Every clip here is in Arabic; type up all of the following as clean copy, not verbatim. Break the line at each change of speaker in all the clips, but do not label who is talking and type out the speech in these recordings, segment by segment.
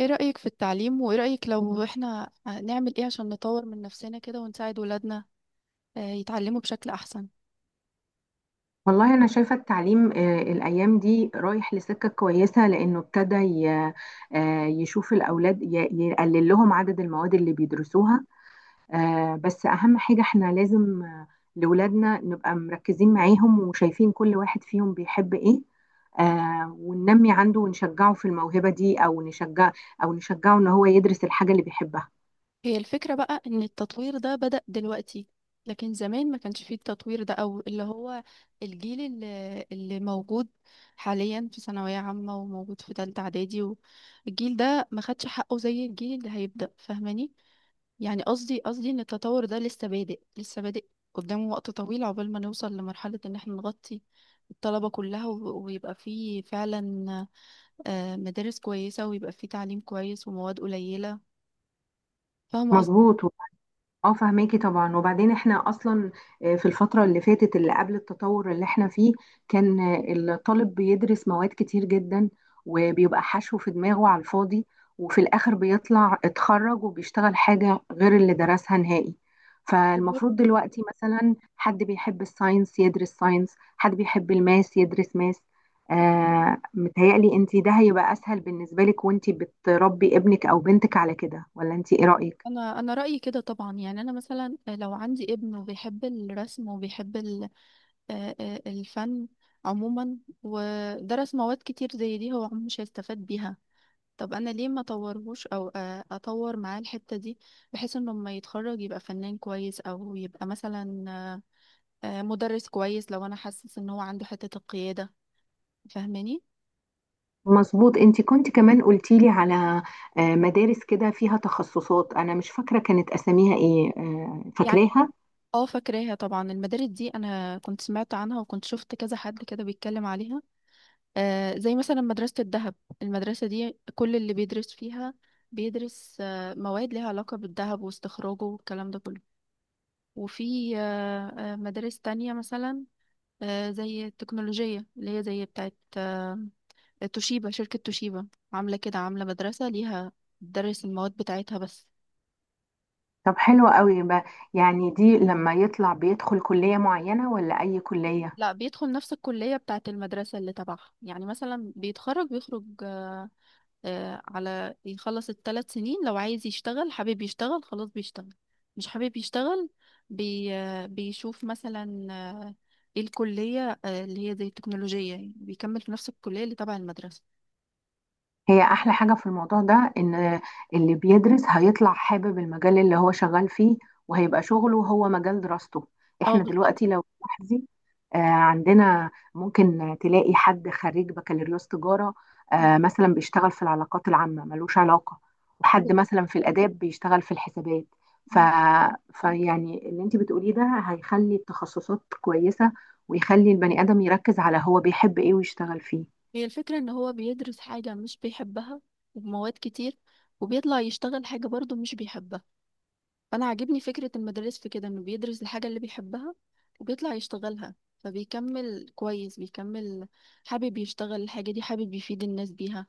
ايه رأيك في التعليم وايه رأيك لو احنا نعمل ايه عشان نطور من نفسنا كده ونساعد ولادنا يتعلموا بشكل احسن.
والله أنا شايفة التعليم الأيام دي رايح لسكة كويسة، لأنه ابتدى يشوف الأولاد يقلل لهم عدد المواد اللي بيدرسوها. بس أهم حاجة احنا لازم لولادنا نبقى مركزين معاهم وشايفين كل واحد فيهم بيحب إيه، وننمي عنده ونشجعه في الموهبة دي، أو نشجعه إن هو يدرس الحاجة اللي بيحبها.
هي الفكرة بقى ان التطوير ده بدأ دلوقتي، لكن زمان ما كانش فيه التطوير ده او اللي هو الجيل اللي موجود حاليا في ثانوية عامة وموجود في تالتة اعدادي. والجيل ده ما خدش حقه زي الجيل اللي هيبدأ، فاهماني؟ يعني قصدي ان التطور ده لسه بادئ، لسه بادئ قدامه وقت طويل عقبال ما نوصل لمرحلة ان احنا نغطي الطلبة كلها، ويبقى فيه فعلا مدارس كويسة، ويبقى فيه تعليم كويس ومواد قليلة. فاهمة قصدي؟
مظبوط. اه، فهماكي طبعا. وبعدين احنا اصلا في الفترة اللي فاتت، اللي قبل التطور اللي احنا فيه، كان الطالب بيدرس مواد كتير جدا، وبيبقى حشو في دماغه على الفاضي، وفي الاخر بيطلع اتخرج وبيشتغل حاجة غير اللي درسها نهائي.
بالظبط.
فالمفروض دلوقتي مثلا حد بيحب الساينس يدرس ساينس، حد بيحب الماس يدرس ماس. متهيألي انتي ده هيبقى اسهل بالنسبة لك وانتي بتربي ابنك او بنتك على كده، ولا انتي ايه رأيك؟
انا رأيي كده طبعا، يعني انا مثلا لو عندي ابن وبيحب الرسم وبيحب الفن عموما، ودرس مواد كتير زي دي، هو عمره مش هيستفاد بيها. طب انا ليه ما اطورهوش او اطور معاه الحتة دي، بحيث انه لما يتخرج يبقى فنان كويس، او يبقى مثلا مدرس كويس لو انا حاسس ان هو عنده حتة القيادة. فاهماني؟
مظبوط. انت كنت كمان قلتي لي على مدارس كده فيها تخصصات، انا مش فاكره كانت اساميها ايه،
يعني
فاكراها؟
اه، فاكراها طبعا. المدارس دي انا كنت سمعت عنها وكنت شفت كذا حد كده بيتكلم عليها، زي مثلا مدرسة الذهب. المدرسة دي كل اللي بيدرس فيها بيدرس مواد ليها علاقة بالذهب واستخراجه والكلام ده كله. وفي مدارس تانية مثلا زي التكنولوجية، اللي هي زي بتاعت توشيبا. شركة توشيبا عاملة كده، عاملة مدرسة ليها بتدرس المواد بتاعتها بس.
طب حلوة قوي بقى. يعني دي لما يطلع بيدخل كليه معينه ولا اي كليه؟
لا، بيدخل نفس الكلية بتاعت المدرسة اللي تبعها. يعني مثلا بيتخرج، بيخرج آه، على يخلص الثلاث سنين، لو عايز يشتغل حابب يشتغل، خلاص بيشتغل. مش حابب يشتغل، بي آه، بيشوف مثلا ايه الكلية اللي هي زي التكنولوجية، يعني بيكمل في نفس الكلية اللي تبع المدرسة.
هي احلى حاجة في الموضوع ده ان اللي بيدرس هيطلع حابب المجال اللي هو شغال فيه، وهيبقى شغله هو مجال دراسته.
اه،
احنا دلوقتي لو تلاحظي عندنا ممكن تلاقي حد خريج بكالوريوس تجارة مثلا بيشتغل في العلاقات العامة، ملوش علاقة. وحد
بالظبط.
مثلا في الآداب بيشتغل في الحسابات. ف... فيعني اللي انت بتقوليه ده هيخلي التخصصات كويسة، ويخلي البني آدم يركز على هو بيحب ايه ويشتغل فيه.
هي الفكرة ان هو بيدرس حاجة مش بيحبها وبمواد كتير، وبيطلع يشتغل حاجة برضه مش بيحبها. فانا عاجبني فكرة المدرس في كده انه بيدرس الحاجة اللي بيحبها وبيطلع يشتغلها، فبيكمل كويس. بيكمل حابب يشتغل الحاجة دي، حابب يفيد الناس بيها،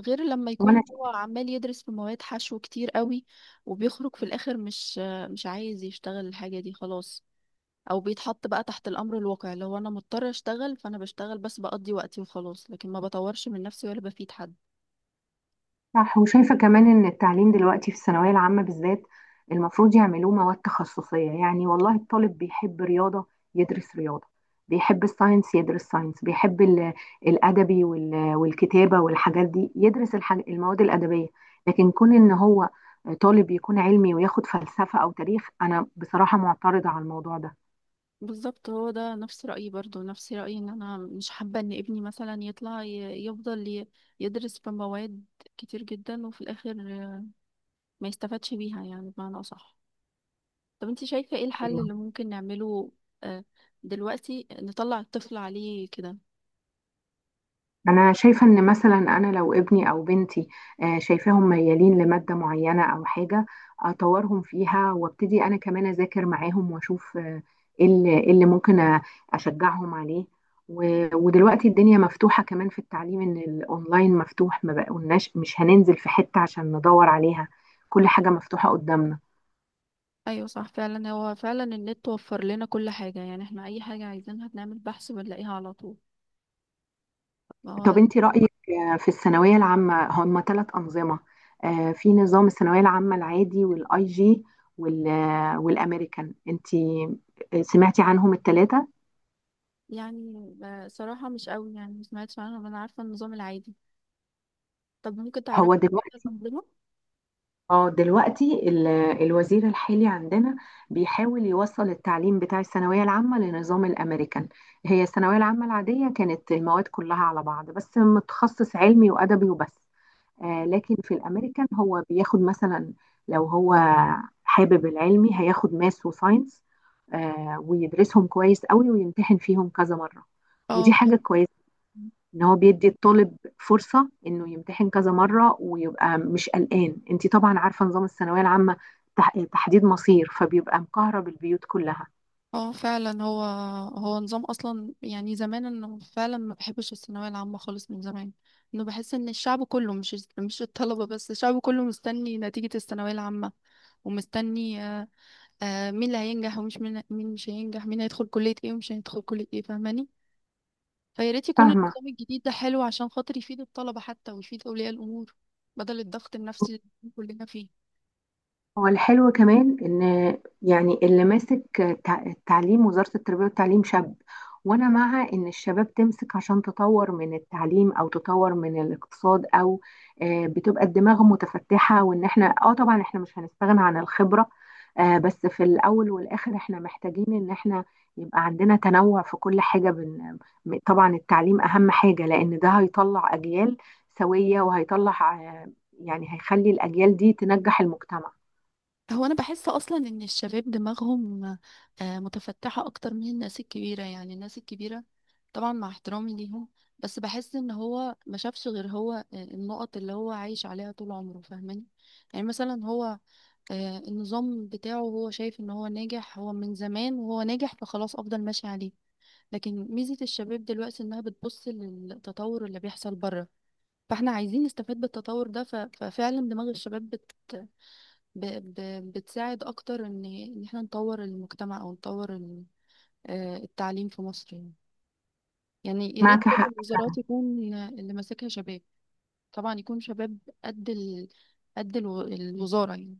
غير لما
وانا
يكون هو عمال يدرس في مواد حشو كتير قوي، وبيخرج في الاخر مش عايز يشتغل الحاجة دي خلاص. او بيتحط بقى تحت الامر الواقع، اللي هو انا مضطر اشتغل فانا بشتغل، بس بقضي وقتي وخلاص، لكن ما بطورش من نفسي ولا بفيد حد.
صح. وشايفة كمان إن التعليم دلوقتي في الثانوية العامة بالذات المفروض يعملوه مواد تخصصية، يعني والله الطالب بيحب رياضة يدرس رياضة، بيحب الساينس يدرس ساينس، بيحب الأدبي والكتابة والحاجات دي يدرس المواد الأدبية. لكن كون إن هو طالب يكون علمي وياخد فلسفة أو تاريخ، أنا بصراحة معترضة على الموضوع
بالظبط، هو ده نفس رأيي، برضو نفس رأيي ان انا مش حابة ان ابني مثلا يطلع يفضل يدرس في مواد كتير جدا، وفي الاخر ما يستفادش بيها، يعني بمعنى اصح. طب انت شايفة ايه الحل
ده.
اللي ممكن نعمله آه، دلوقتي نطلع الطفل عليه كده؟
أنا شايفة إن مثلا أنا لو ابني أو بنتي شايفاهم ميالين لمادة معينة أو حاجة، أطورهم فيها وابتدي أنا كمان أذاكر معاهم وأشوف إيه اللي ممكن أشجعهم عليه. ودلوقتي الدنيا مفتوحة كمان في التعليم، إن الأونلاين مفتوح، ما بقولناش مش هننزل في حتة عشان ندور عليها، كل حاجة مفتوحة قدامنا.
ايوه صح، فعلا. هو فعلا النت وفر لنا كل حاجة، يعني احنا اي حاجة عايزينها بنعمل بحث بنلاقيها على طول. ما
طب
هو
انت رأيك في الثانوية العامة؟ هم ثلاث أنظمة، في نظام الثانوية العامة العادي، والاي جي، والامريكان. انت سمعتي عنهم الثلاثة؟
يعني صراحة مش قوي، يعني ما سمعتش عنهم. أنا عارفة النظام العادي. طب ممكن تعرف
هو دلوقتي.
الأنظمة؟
اه دلوقتي الوزير الحالي عندنا بيحاول يوصل التعليم بتاع الثانوية العامة لنظام الامريكان. هي الثانوية العامة العادية كانت المواد كلها على بعض، بس متخصص علمي وأدبي وبس. لكن في الامريكان هو بياخد مثلا، لو هو حابب العلمي هياخد ماس وساينس، ويدرسهم كويس قوي ويمتحن فيهم كذا مرة.
اه،
ودي حاجة كويسة، ان هو بيدي الطالب فرصة انه يمتحن كذا مرة ويبقى مش قلقان. انتي طبعا عارفة نظام الثانوية العامة، تحديد مصير، فبيبقى مكهرب البيوت كلها.
اه فعلا. هو نظام اصلا يعني زمان انه فعلا ما بحبش الثانويه العامه خالص من زمان. انه بحس ان الشعب كله، مش الطلبه بس، الشعب كله مستني نتيجه الثانويه العامه، ومستني مين اللي هينجح ومش مين مش هينجح، مين هيدخل كليه ايه ومش هيدخل كليه ايه. فاهماني؟ فيا ريت يكون
فاهمة.
النظام الجديد ده حلو عشان خاطر يفيد الطلبة حتى ويفيد أولياء الأمور، بدل الضغط النفسي اللي كلنا فيه.
هو الحلو كمان ان، يعني اللي ماسك التعليم، وزارة التربية والتعليم، شاب. وانا مع ان الشباب تمسك، عشان تطور من التعليم او تطور من الاقتصاد، او بتبقى الدماغ متفتحة. وان احنا طبعا احنا مش هنستغنى عن الخبرة، بس في الاول والاخر احنا محتاجين ان احنا يبقى عندنا تنوع في كل حاجة. طبعا التعليم اهم حاجة، لان ده هيطلع اجيال سوية، وهيطلع آه، يعني هيخلي الاجيال دي تنجح المجتمع.
هو أنا بحس أصلا إن الشباب دماغهم متفتحة أكتر من الناس الكبيرة. يعني الناس الكبيرة، طبعا مع احترامي ليهم، بس بحس إن هو ما شافش غير هو النقط اللي هو عايش عليها طول عمره. فاهماني؟ يعني مثلا هو النظام بتاعه، هو شايف إن هو ناجح، هو من زمان وهو ناجح، فخلاص أفضل ماشي عليه. لكن ميزة الشباب دلوقتي انها بتبص للتطور اللي بيحصل بره، فاحنا عايزين نستفاد بالتطور ده. ف- ففعلا دماغ الشباب ب... ب... بتساعد اكتر ان احنا نطور المجتمع، او نطور التعليم في مصر يعني. يعني يا ريت
معك
كل
حق
الوزارات
فعلا.
يكون اللي ماسكها شباب. طبعا يكون شباب قد الوزارة يعني.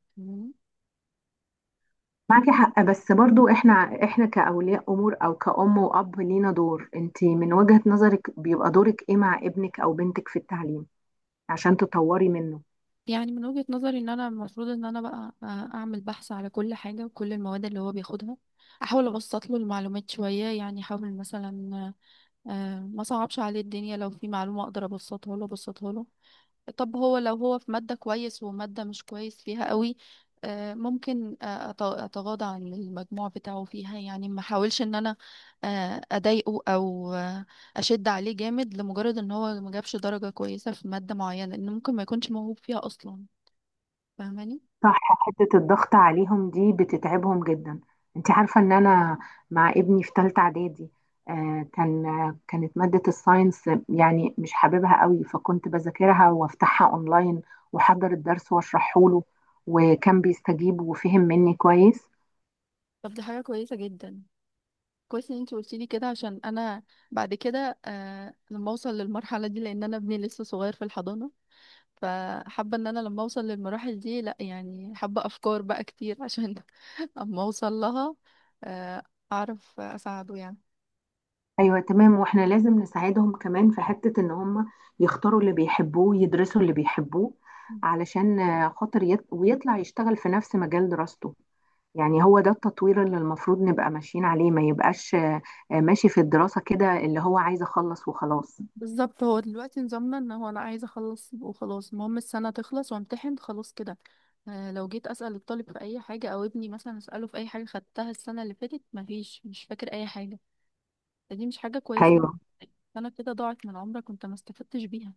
معك حق، بس برضو احنا كأولياء امور، او كأم وأب، لينا دور. انت من وجهة نظرك بيبقى دورك ايه مع ابنك او بنتك في التعليم عشان تطوري منه؟
يعني من وجهة نظري ان انا المفروض ان انا بقى اعمل بحث على كل حاجة وكل المواد اللي هو بياخدها، احاول ابسط له المعلومات شوية. يعني احاول مثلا ما صعبش عليه الدنيا، لو في معلومة اقدر ابسطها له ابسطها له. طب هو لو هو في مادة كويس ومادة مش كويس فيها قوي، ممكن اتغاضى عن المجموع بتاعه فيها. يعني ما احاولش ان انا اضايقه او اشد عليه جامد لمجرد ان هو ما جابش درجة كويسة في مادة معينة، لان ممكن ما يكونش موهوب فيها اصلا. فاهماني؟
صح. حتة الضغط عليهم دي بتتعبهم جدا. انت عارفة ان انا مع ابني في تالتة اعدادي، كانت مادة الساينس يعني مش حاببها قوي، فكنت بذاكرها وافتحها اونلاين، واحضر الدرس واشرحه له، وكان بيستجيب وفهم مني كويس.
طب دي حاجة كويسة جدا. كويس ان انت قلتي لي كده، عشان انا بعد كده، آه، لما اوصل للمرحلة دي، لان انا ابني لسه صغير في الحضانة. فحابة ان انا لما اوصل للمراحل دي، لا يعني حابة افكار بقى كتير عشان اما اوصل لها آه اعرف اساعده يعني.
ايوه، تمام. واحنا لازم نساعدهم كمان في حتة ان هم يختاروا اللي بيحبوه، يدرسوا اللي بيحبوه، علشان خاطر ويطلع يشتغل في نفس مجال دراسته. يعني هو ده التطوير اللي المفروض نبقى ماشيين عليه، ما يبقاش ماشي في الدراسة كده اللي هو عايز اخلص وخلاص.
بالظبط. هو دلوقتي نظامنا ان هو انا عايزه اخلص وخلاص، المهم السنه تخلص وامتحن خلاص كده. لو جيت اسال الطالب في اي حاجه، او ابني مثلا اساله في اي حاجه خدتها السنه اللي فاتت، مفيش، مش فاكر اي حاجه. دي مش حاجة
ايوه،
كويسة. انا كده ضاعت من عمرك وانت ما استفدتش بيها،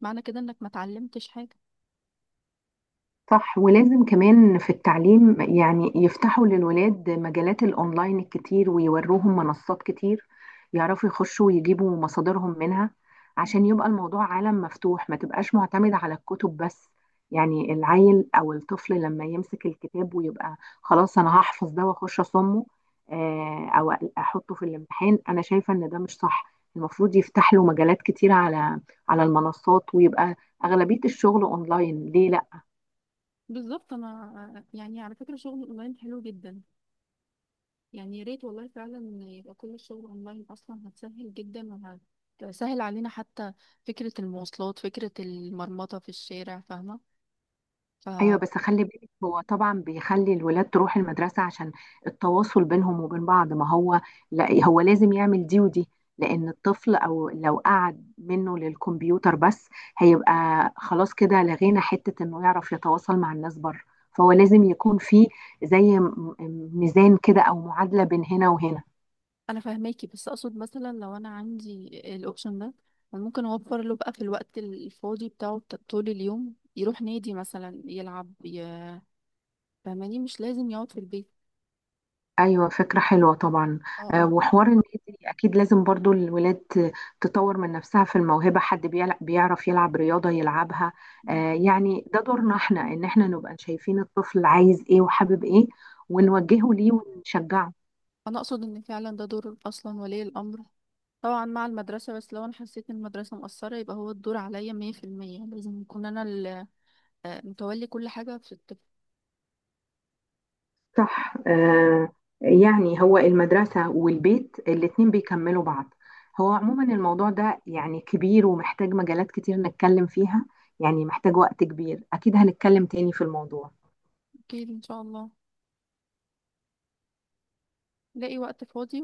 معنى كده انك ما اتعلمتش حاجة.
صح. ولازم كمان في التعليم يعني يفتحوا للولاد مجالات الأونلاين الكتير، ويوروهم منصات كتير، يعرفوا يخشوا ويجيبوا مصادرهم منها، عشان يبقى الموضوع عالم مفتوح، ما تبقاش معتمد على الكتب بس. يعني العيل أو الطفل لما يمسك الكتاب ويبقى، خلاص أنا هحفظ ده وأخش أصمه أو أحطه في الامتحان، أنا شايفة إن ده مش صح. المفروض يفتح له مجالات كتير على المنصات، ويبقى أغلبية الشغل أونلاين. ليه لا؟
بالظبط. انا يعني على فكرة شغل اونلاين حلو جدا، يعني يا ريت والله فعلا يبقى كل الشغل اونلاين اصلا، هتسهل جدا وهتسهل علينا حتى فكرة المواصلات، فكرة المرمطة في الشارع. فاهمة؟
ايوه،
فانا
بس خلي بالك هو طبعا بيخلي الولاد تروح المدرسه عشان التواصل بينهم وبين بعض. ما هو لا، هو لازم يعمل دي ودي. لان الطفل او لو قعد منه للكمبيوتر بس، هيبقى خلاص كده لغينا حته انه يعرف يتواصل مع الناس بره. فهو لازم يكون في زي ميزان كده او معادله بين هنا وهنا.
فاهماكي. بس اقصد مثلا لو انا عندي الاوبشن ده، أنا ممكن اوفر له بقى في الوقت الفاضي بتاعه طول اليوم يروح نادي مثلا يلعب فاهماني؟ مش لازم يقعد في البيت.
ايوه، فكره حلوه طبعا.
اه، اه.
وحوار النادي اكيد لازم برضو الولاد تطور من نفسها في الموهبه. حد بيعرف يلعب رياضه يلعبها.
مم.
يعني ده دورنا احنا، ان احنا نبقى شايفين الطفل عايز ايه وحابب ايه،
مم.
ونوجهه ليه ونشجعه.
انا اقصد ان فعلا ده دور اصلا ولي الامر، طبعا مع المدرسه. بس لو انا حسيت ان المدرسه مقصره، يبقى هو الدور عليا 100%. لازم يكون انا متولي كل حاجه في الطفل.
صح. يعني هو المدرسه والبيت الاتنين بيكملوا بعض. هو عموما الموضوع ده يعني كبير ومحتاج مجالات كتير نتكلم فيها، يعني محتاج وقت كبير. اكيد هنتكلم تاني في الموضوع.
اكيد ان شاء الله، لاقي وقت فاضي.